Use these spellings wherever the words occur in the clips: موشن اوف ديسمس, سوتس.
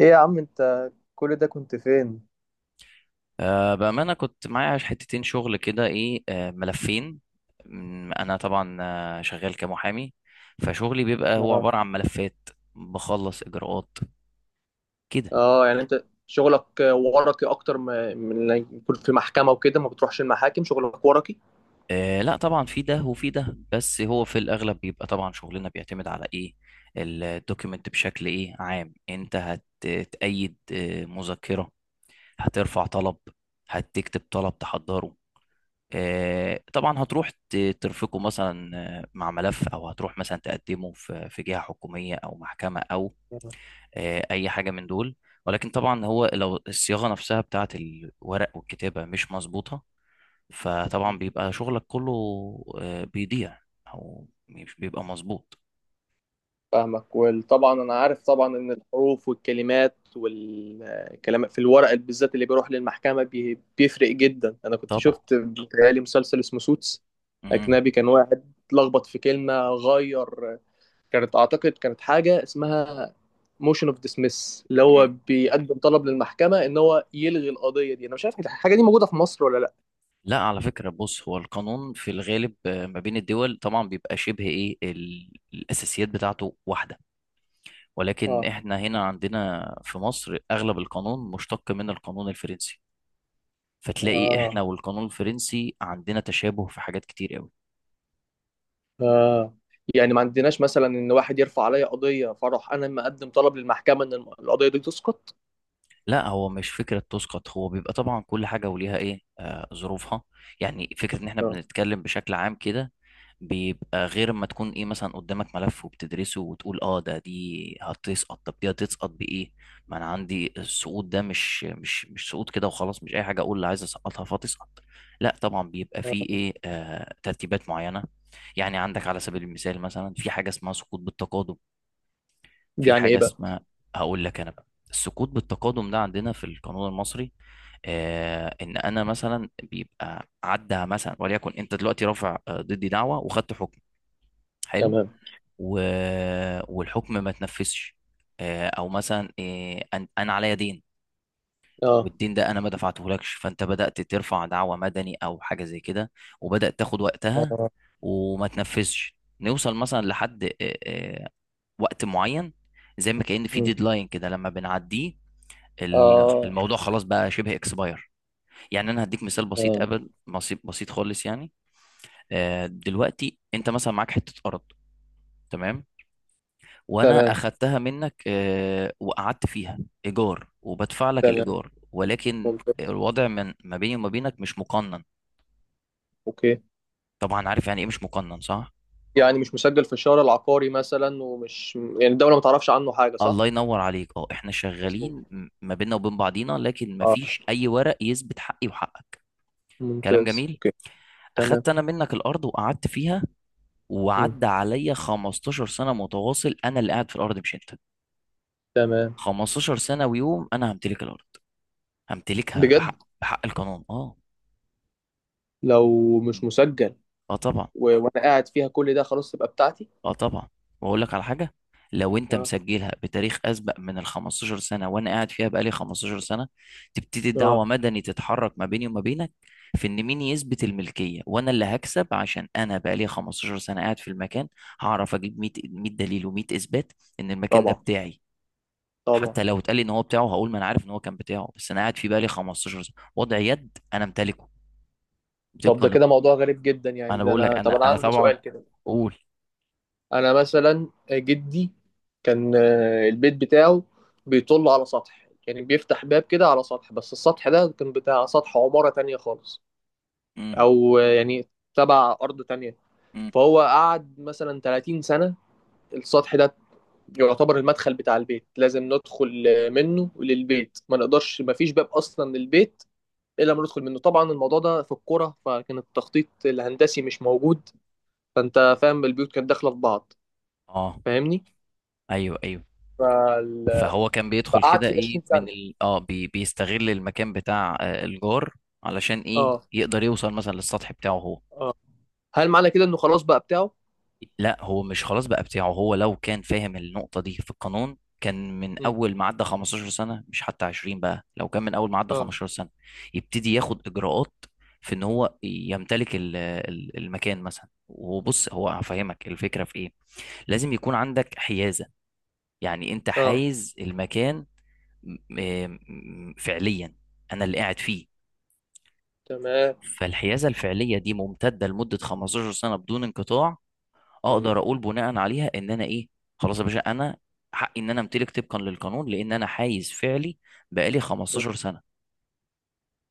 ايه يا عم انت، كل ده كنت فين؟ بأمانة كنت معايا حتتين شغل كده إيه ملفين. أنا طبعا شغال كمحامي، فشغلي بيبقى هو اه، عبارة عن ملفات، بخلص إجراءات كده. اه، يعني انت شغلك ورقي اكتر من إنك يكون في محكمه وكده، ما بتروحش المحاكم، شغلك ورقي. أه، لا طبعا في ده وفي ده، بس هو في الأغلب بيبقى طبعا شغلنا بيعتمد على إيه؟ الدوكيمنت بشكل إيه عام. أنت هتأيد مذكرة، هترفع طلب، هتكتب طلب تحضره، طبعا هتروح ترفقه مثلا مع ملف، او هتروح مثلا تقدمه في جهة حكومية او محكمة او اي حاجة من دول. ولكن طبعا هو لو الصياغة نفسها بتاعت الورق والكتابة مش مظبوطة، فطبعا بيبقى شغلك كله بيضيع او مش بيبقى مظبوط. فاهمك. وطبعا انا عارف طبعا ان الحروف والكلمات والكلام في الورق بالذات اللي بيروح للمحكمه بيفرق جدا. انا كنت طبعا. شفت، بيتهيألي مسلسل اسمه سوتس مم. اجنبي، كان واحد اتلخبط في كلمه غير، كانت اعتقد كانت حاجه اسمها موشن اوف ديسمس، اللي هو مم. بيقدم طلب للمحكمه ان هو يلغي القضيه دي. انا مش عارف الحاجه دي موجوده في مصر ولا لا. لا على فكرة، بص هو القانون في الغالب ما بين الدول طبعا بيبقى شبه ايه الأساسيات بتاعته واحدة، ولكن اه، احنا هنا عندنا في مصر اغلب القانون مشتق من القانون الفرنسي، فتلاقي اه، احنا والقانون الفرنسي عندنا تشابه في حاجات كتير قوي. اه، يعني ما عندناش مثلا ان واحد يرفع عليا قضيه فاروح انا مقدم طلب للمحكمه ان القضيه دي تسقط. لا هو مش فكرة تسقط، هو بيبقى طبعا كل حاجة وليها ايه ظروفها. يعني فكرة ان احنا اه. بنتكلم بشكل عام كده بيبقى غير ما تكون ايه مثلا قدامك ملف وبتدرسه وتقول اه ده دي هتسقط، طب دي هتسقط بايه؟ ما انا عندي السقوط ده مش سقوط كده وخلاص، مش اي حاجة اقول اللي عايز اسقطها فتسقط. لا طبعا بيبقى آه. فيه ايه ترتيبات معينة. يعني عندك على سبيل المثال مثلا في حاجة اسمها سقوط بالتقادم. دي في يعني حاجة ايه بقى؟ اسمها، هقول لك أنا بقى، السكوت بالتقادم ده عندنا في القانون المصري إن أنا مثلا بيبقى عدى مثلا، وليكن أنت دلوقتي رافع ضدي دعوة وخدت حكم. حلو. تمام. و... والحكم ما تنفذش، أو مثلا أنا عليا دين، اه. والدين ده أنا ما دفعتهولكش، فأنت بدأت ترفع دعوة مدني أو حاجة زي كده، وبدأت تاخد وقتها اه. وما تنفذش، نوصل مثلا لحد وقت معين، زي ما كأن في مم. ديدلاين كده لما بنعديه اه. الموضوع خلاص بقى شبه اكسباير. يعني انا هديك مثال بسيط، آه. قبل بسيط، بسيط خالص يعني. دلوقتي انت مثلا معاك حتة ارض. تمام. وانا تمام. اخدتها منك وقعدت فيها ايجار وبدفع لك تمام. الايجار، ولكن ممتاز. الوضع ما بيني وما بينك مش مقنن. اوكي. طبعا عارف يعني ايه مش مقنن، صح؟ يعني مش مسجل في الشارع العقاري مثلا، ومش يعني الدوله ما تعرفش عنه حاجه، صح؟ الله ينور عليك. اه احنا مظبوط. شغالين ما بيننا وبين بعضينا، لكن ما اه. فيش اي ورق يثبت حقي وحقك. كلام ممتاز. جميل. اوكي. تمام. اخدت انا منك الارض وقعدت فيها، مم. وعدى عليا 15 سنة متواصل أنا اللي قاعد في الأرض، مش أنت. تمام. 15 سنة ويوم، أنا همتلك الأرض، همتلكها بجد؟ بحق، بحق القانون. أه. لو مش مم. مسجل أه طبعا. وانا قاعد فيها كل ده، خلاص تبقى بتاعتي؟ أه طبعا، وأقول لك على حاجة. لو أنت اه. مسجلها بتاريخ أسبق من ال 15 سنة وأنا قاعد فيها بقالي 15 سنة، تبتدي اه. الدعوة مدني تتحرك ما بيني وما بينك في إن مين يثبت الملكية، وأنا اللي هكسب عشان أنا بقالي 15 سنة قاعد في المكان. هعرف أجيب 100 دليل و100 إثبات إن المكان ده طبعا. بتاعي. طبعا. حتى لو اتقال لي ان هو بتاعه، هقول ما انا عارف ان هو كان بتاعه، بس انا قاعد في بالي 15 سنه، وضع يد، انا امتلكه طب طبقا ده كده للقانون. موضوع غريب جدا، يعني انا ده بقول لك انا، انا، طب انا انا عندي طبعا سؤال كده. اقول. انا مثلا جدي كان، البيت بتاعه بيطل على سطح، يعني بيفتح باب كده على سطح، بس السطح ده كان بتاع سطح عمارة تانية خالص، مم. او يعني تبع ارض تانية، مم. فهو قعد مثلا 30 سنة. السطح ده يعتبر المدخل بتاع البيت، لازم ندخل منه للبيت، ما نقدرش، ما فيش باب اصلا للبيت الا لما ندخل منه. طبعا الموضوع ده في الكوره، فكان التخطيط الهندسي مش موجود، مم. فانت فاهم، البيوت كانت داخله في بعض. اه. فاهمني؟ ايوه ايوه. فال... فهو كان بيدخل فقعدت كده فيه ايه 20 سنه. من ال... اه بي... بيستغل المكان بتاع الجار، علشان ايه اه، يقدر يوصل مثلا للسطح بتاعه هو. هل معنى كده انه خلاص بقى بتاعه؟ لا هو مش خلاص بقى بتاعه، هو لو كان فاهم النقطة دي في القانون كان من مم. أول ما عدى 15 سنة، مش حتى 20 بقى، لو كان من أول ما عدى اه. 15 سنة يبتدي ياخد إجراءات في إن هو يمتلك المكان مثلا. وبص هو هفهمك الفكرة في إيه. لازم يكون عندك حيازة، يعني أنت اه. حايز المكان م- فعليا، أنا اللي قاعد فيه. تمام. فالحيازة الفعلية دي ممتدة لمدة 15 سنة بدون انقطاع، مم. اقدر اقول بناء عليها ان انا ايه، خلاص يا باشا، انا حقي ان انا امتلك طبقا للقانون، لان انا حايز فعلي بقالي مم. 15 سنه،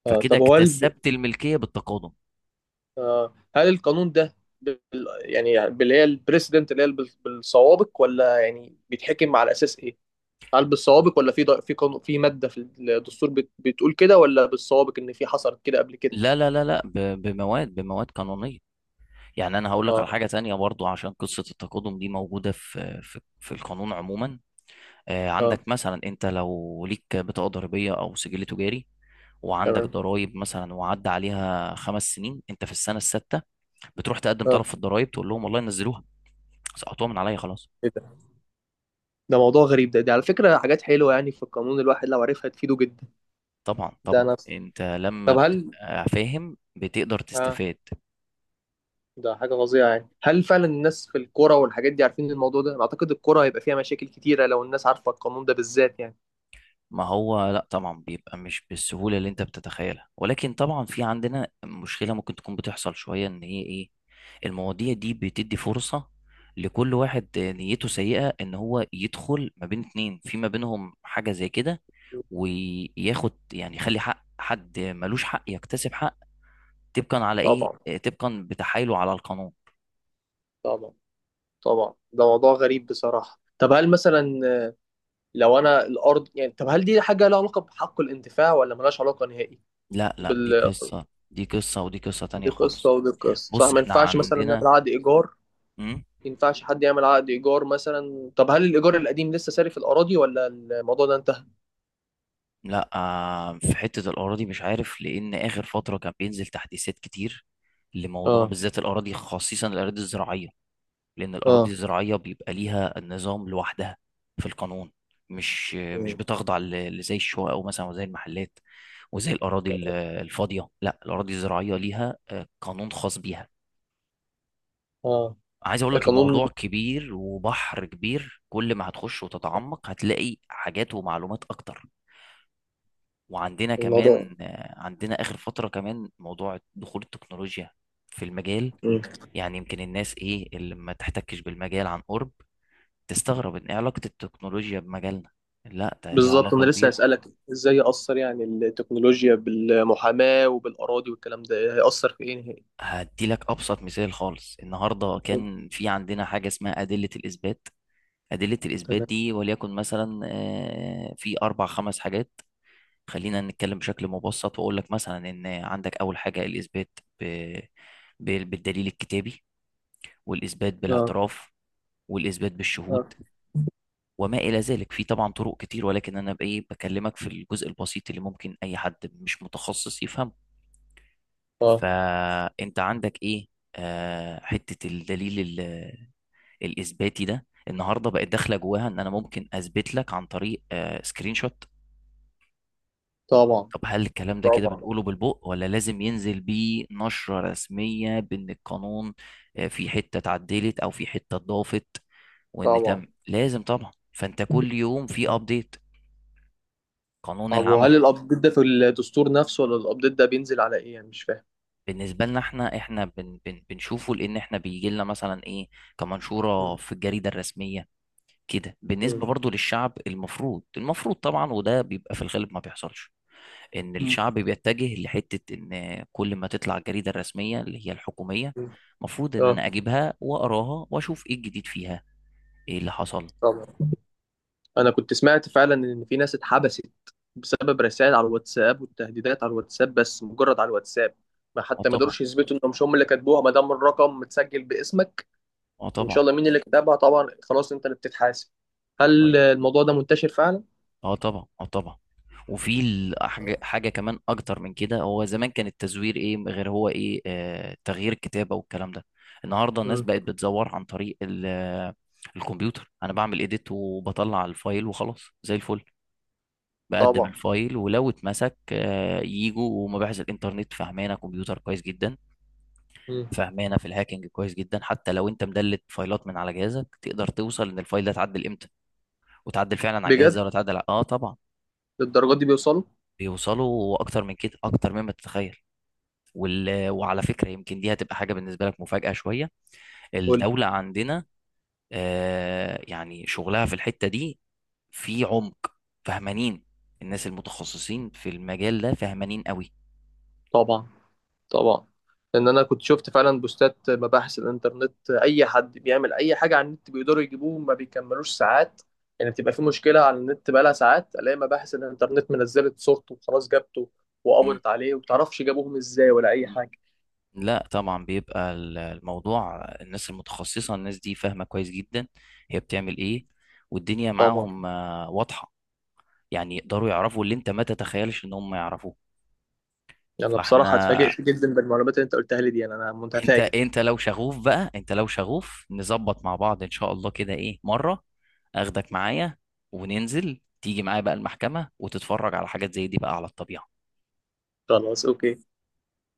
اه فكده طب هو، اكتسبت الملكيه بالتقادم. هل القانون ده بال... يعني باللي هي البريسيدنت، اللي هي بالسوابق، ولا يعني بيتحكم على اساس ايه؟ هل بالسوابق، ولا في في قانون، في ماده في الدستور بتقول كده، ولا بالسوابق ان في حصلت كده قبل كده؟ لا لا لا لا، بمواد قانونيه. يعني انا هقول لك اه. على حاجه تانية برضو عشان قصه التقادم دي موجوده في القانون عموما. اه. عندك مثلا انت لو ليك بطاقه ضريبيه او سجل تجاري، وعندك تمام. ضرائب مثلا وعدى عليها 5 سنين، انت في السنه السادسه بتروح تقدم طلب اه. في الضرائب تقول لهم والله نزلوها، سقطوها من عليا خلاص. ايه ده؟ ده موضوع غريب. ده على فكره حاجات حلوه، يعني في القانون الواحد لو عرفها تفيده جدا. طبعا ده طبعا، انا انت لما طب هل بتبقى فاهم بتقدر اه تستفاد. ده حاجه فظيعه، يعني هل فعلا الناس في الكوره والحاجات دي عارفين الموضوع ده؟ انا اعتقد الكوره هيبقى فيها مشاكل كتيره لو الناس عارفه القانون ده بالذات يعني. ما هو لا طبعا بيبقى مش بالسهولة اللي انت بتتخيلها، ولكن طبعا في عندنا مشكلة ممكن تكون بتحصل شوية ان هي ايه، المواضيع دي بتدي فرصة لكل واحد نيته سيئة ان هو يدخل ما بين اتنين في ما بينهم حاجة زي كده، وياخد، يعني يخلي حق حد ملوش حق يكتسب حق، طبقا على ايه؟ طبعا. طبقا بتحايله على القانون. طبعا. طبعا، ده موضوع غريب بصراحة. طب هل مثلا لو أنا الأرض، يعني طب هل دي حاجة لها علاقة بحق الانتفاع ولا ملهاش علاقة نهائي؟ لا لا، دي بال قصة، دي قصة، ودي قصة تانية بالقسط، خالص. أو بالقسط، صح؟ بص ما احنا ينفعش مثلا عندنا. نعمل عقد إيجار، ما مم؟ ينفعش حد يعمل عقد إيجار مثلا؟ طب هل الإيجار القديم لسه ساري في الأراضي، ولا الموضوع ده انتهى؟ لا في حتة الأراضي مش عارف، لأن آخر فترة كان بينزل تحديثات كتير لموضوع اه. بالذات الأراضي، خصيصا الأراضي الزراعية، لأن الأراضي اه. الزراعية بيبقى ليها نظام لوحدها في القانون، مش مم. بتخضع لزي الشقق أو مثلا وزي المحلات وزي الأراضي الفاضية. لا الأراضي الزراعية ليها قانون خاص بيها. اه. عايز أقول لك القانون الموضوع كبير وبحر كبير، كل ما هتخش وتتعمق هتلاقي حاجات ومعلومات أكتر. وعندنا الموضوع كمان عندنا آخر فترة كمان موضوع دخول التكنولوجيا في المجال. مم. يعني يمكن الناس إيه اللي ما تحتكش بالمجال عن قرب، تستغرب إن إيه علاقة التكنولوجيا بمجالنا. لا ده ليها بالظبط، انا علاقة لسه كبيرة. هسألك، ازاي يأثر يعني التكنولوجيا بالمحاماة وبالأراضي والكلام ده، هيأثر في ايه نهائي؟ هديلك أبسط مثال خالص، النهاردة كان في عندنا حاجة اسمها أدلة الإثبات. أدلة الإثبات تمام. دي وليكن مثلا في أربع خمس حاجات. خلينا نتكلم بشكل مبسط وأقول لك مثلا إن عندك أول حاجة الإثبات بالدليل الكتابي، والاثبات اه. بالاعتراف، والاثبات اه. بالشهود، وما الى ذلك. في طبعا طرق كتير، ولكن انا بكلمك في الجزء البسيط اللي ممكن اي حد مش متخصص يفهمه. اه. فانت عندك ايه، حته الدليل الاثباتي ده، النهارده بقت داخله جواها ان انا ممكن اثبت لك عن طريق سكرين شوت. طبعا. طب هل الكلام ده كده طبعا. بنقوله بالبق ولا لازم ينزل بيه نشرة رسمية بأن القانون في حتة اتعدلت أو في حتة اتضافت، وإن تم طبعا. لازم طبعا، فأنت كل يوم في أبديت. قانون طب وهل العمل. الابديت ده في الدستور نفسه، ولا الابديت ده بينزل على ايه؟ يعني مش فاهم. بالنسبة لنا احنا، احنا بن بن بنشوفه لأن احنا بيجي لنا مثلا إيه، كمنشورة مم. في الجريدة الرسمية. كده مم. بالنسبة برضو للشعب، المفروض طبعا، وده بيبقى في الغالب ما بيحصلش، ان مم. الشعب بيتجه لحته ان كل ما تطلع الجريده الرسميه اللي هي الحكوميه، مم. المفروض ان اه. انا اجيبها واقراها واشوف ايه الجديد فيها، ايه اللي حصل. طبعا. انا كنت سمعت فعلا ان في ناس اتحبست بسبب رسائل على الواتساب، والتهديدات على الواتساب، بس مجرد على الواتساب، ما اه حتى ما طبعا، قدروش يثبتوا انهم مش هم اللي كاتبوها، ما دام الرقم متسجل باسمك، اه ان طبعا. شاء الله مين اللي كتبها، طبعا خلاص انت اللي بتتحاسب. هل طيب. الموضوع ده منتشر فعلا؟ اه طبعا، اه طبعا. وفي ال- حاجه حاجة كمان اكتر من كده، هو زمان كان التزوير ايه غير هو ايه تغيير الكتابه والكلام ده. النهارده الناس مم. بقت بتزور عن طريق الكمبيوتر، انا بعمل ايديت وبطلع الفايل وخلاص زي الفل، بقدم طبعا. الفايل. ولو اتمسك يجوا ومباحث الانترنت فهمانه كمبيوتر كويس جدا، مم. فهمانه في الهاكينج كويس جدا. حتى لو انت مدلت فايلات من على جهازك، تقدر توصل ان الفايل ده اتعدل امتى، وتعدل فعلا على الجهاز ده بجد؟ ولا اتعدل اه طبعا. للدرجات دي بيوصلوا؟ بيوصلوا اكتر من كده، اكتر مما تتخيل. وعلى فكره يمكن دي هتبقى حاجه بالنسبه لك مفاجاه شويه. قول لي. الدوله عندنا يعني شغلها في الحته دي في عمق، فهمانين. الناس المتخصصين في المجال ده فهمانين طبعا. طبعا. لان انا كنت شفت فعلا بوستات مباحث الانترنت، اي حد بيعمل اي حاجه على النت بيقدروا يجيبوه، ما بيكملوش ساعات. يعني بتبقى في مشكله على النت بقالها ساعات، الاقي مباحث الانترنت منزلت صورته وخلاص جابته قوي. وقبضت عليه، ومتعرفش جابوهم ازاي ولا اي حاجه. لا طبعا بيبقى الموضوع، الناس المتخصصة، الناس دي فاهمة كويس جدا هي بتعمل ايه، والدنيا طبعا. معاهم واضحة. يعني يقدروا يعرفوا اللي انت ما تتخيلش ان هم يعرفوه. يعني بصراحه فاحنا، اتفاجئت جدا بالمعلومات اللي انت قلتها لي دي. أنا انت متفاجئ. انت لو شغوف بقى، انت لو شغوف نظبط مع بعض ان شاء الله كده ايه مرة، اخدك معايا وننزل، تيجي معايا بقى المحكمة وتتفرج على حاجات زي دي بقى على الطبيعة. خلاص اوكي.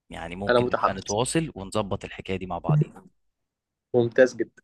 يعني انا ممكن نبقى متحمس. نتواصل ونظبط الحكاية دي مع بعض. ممتاز جدا.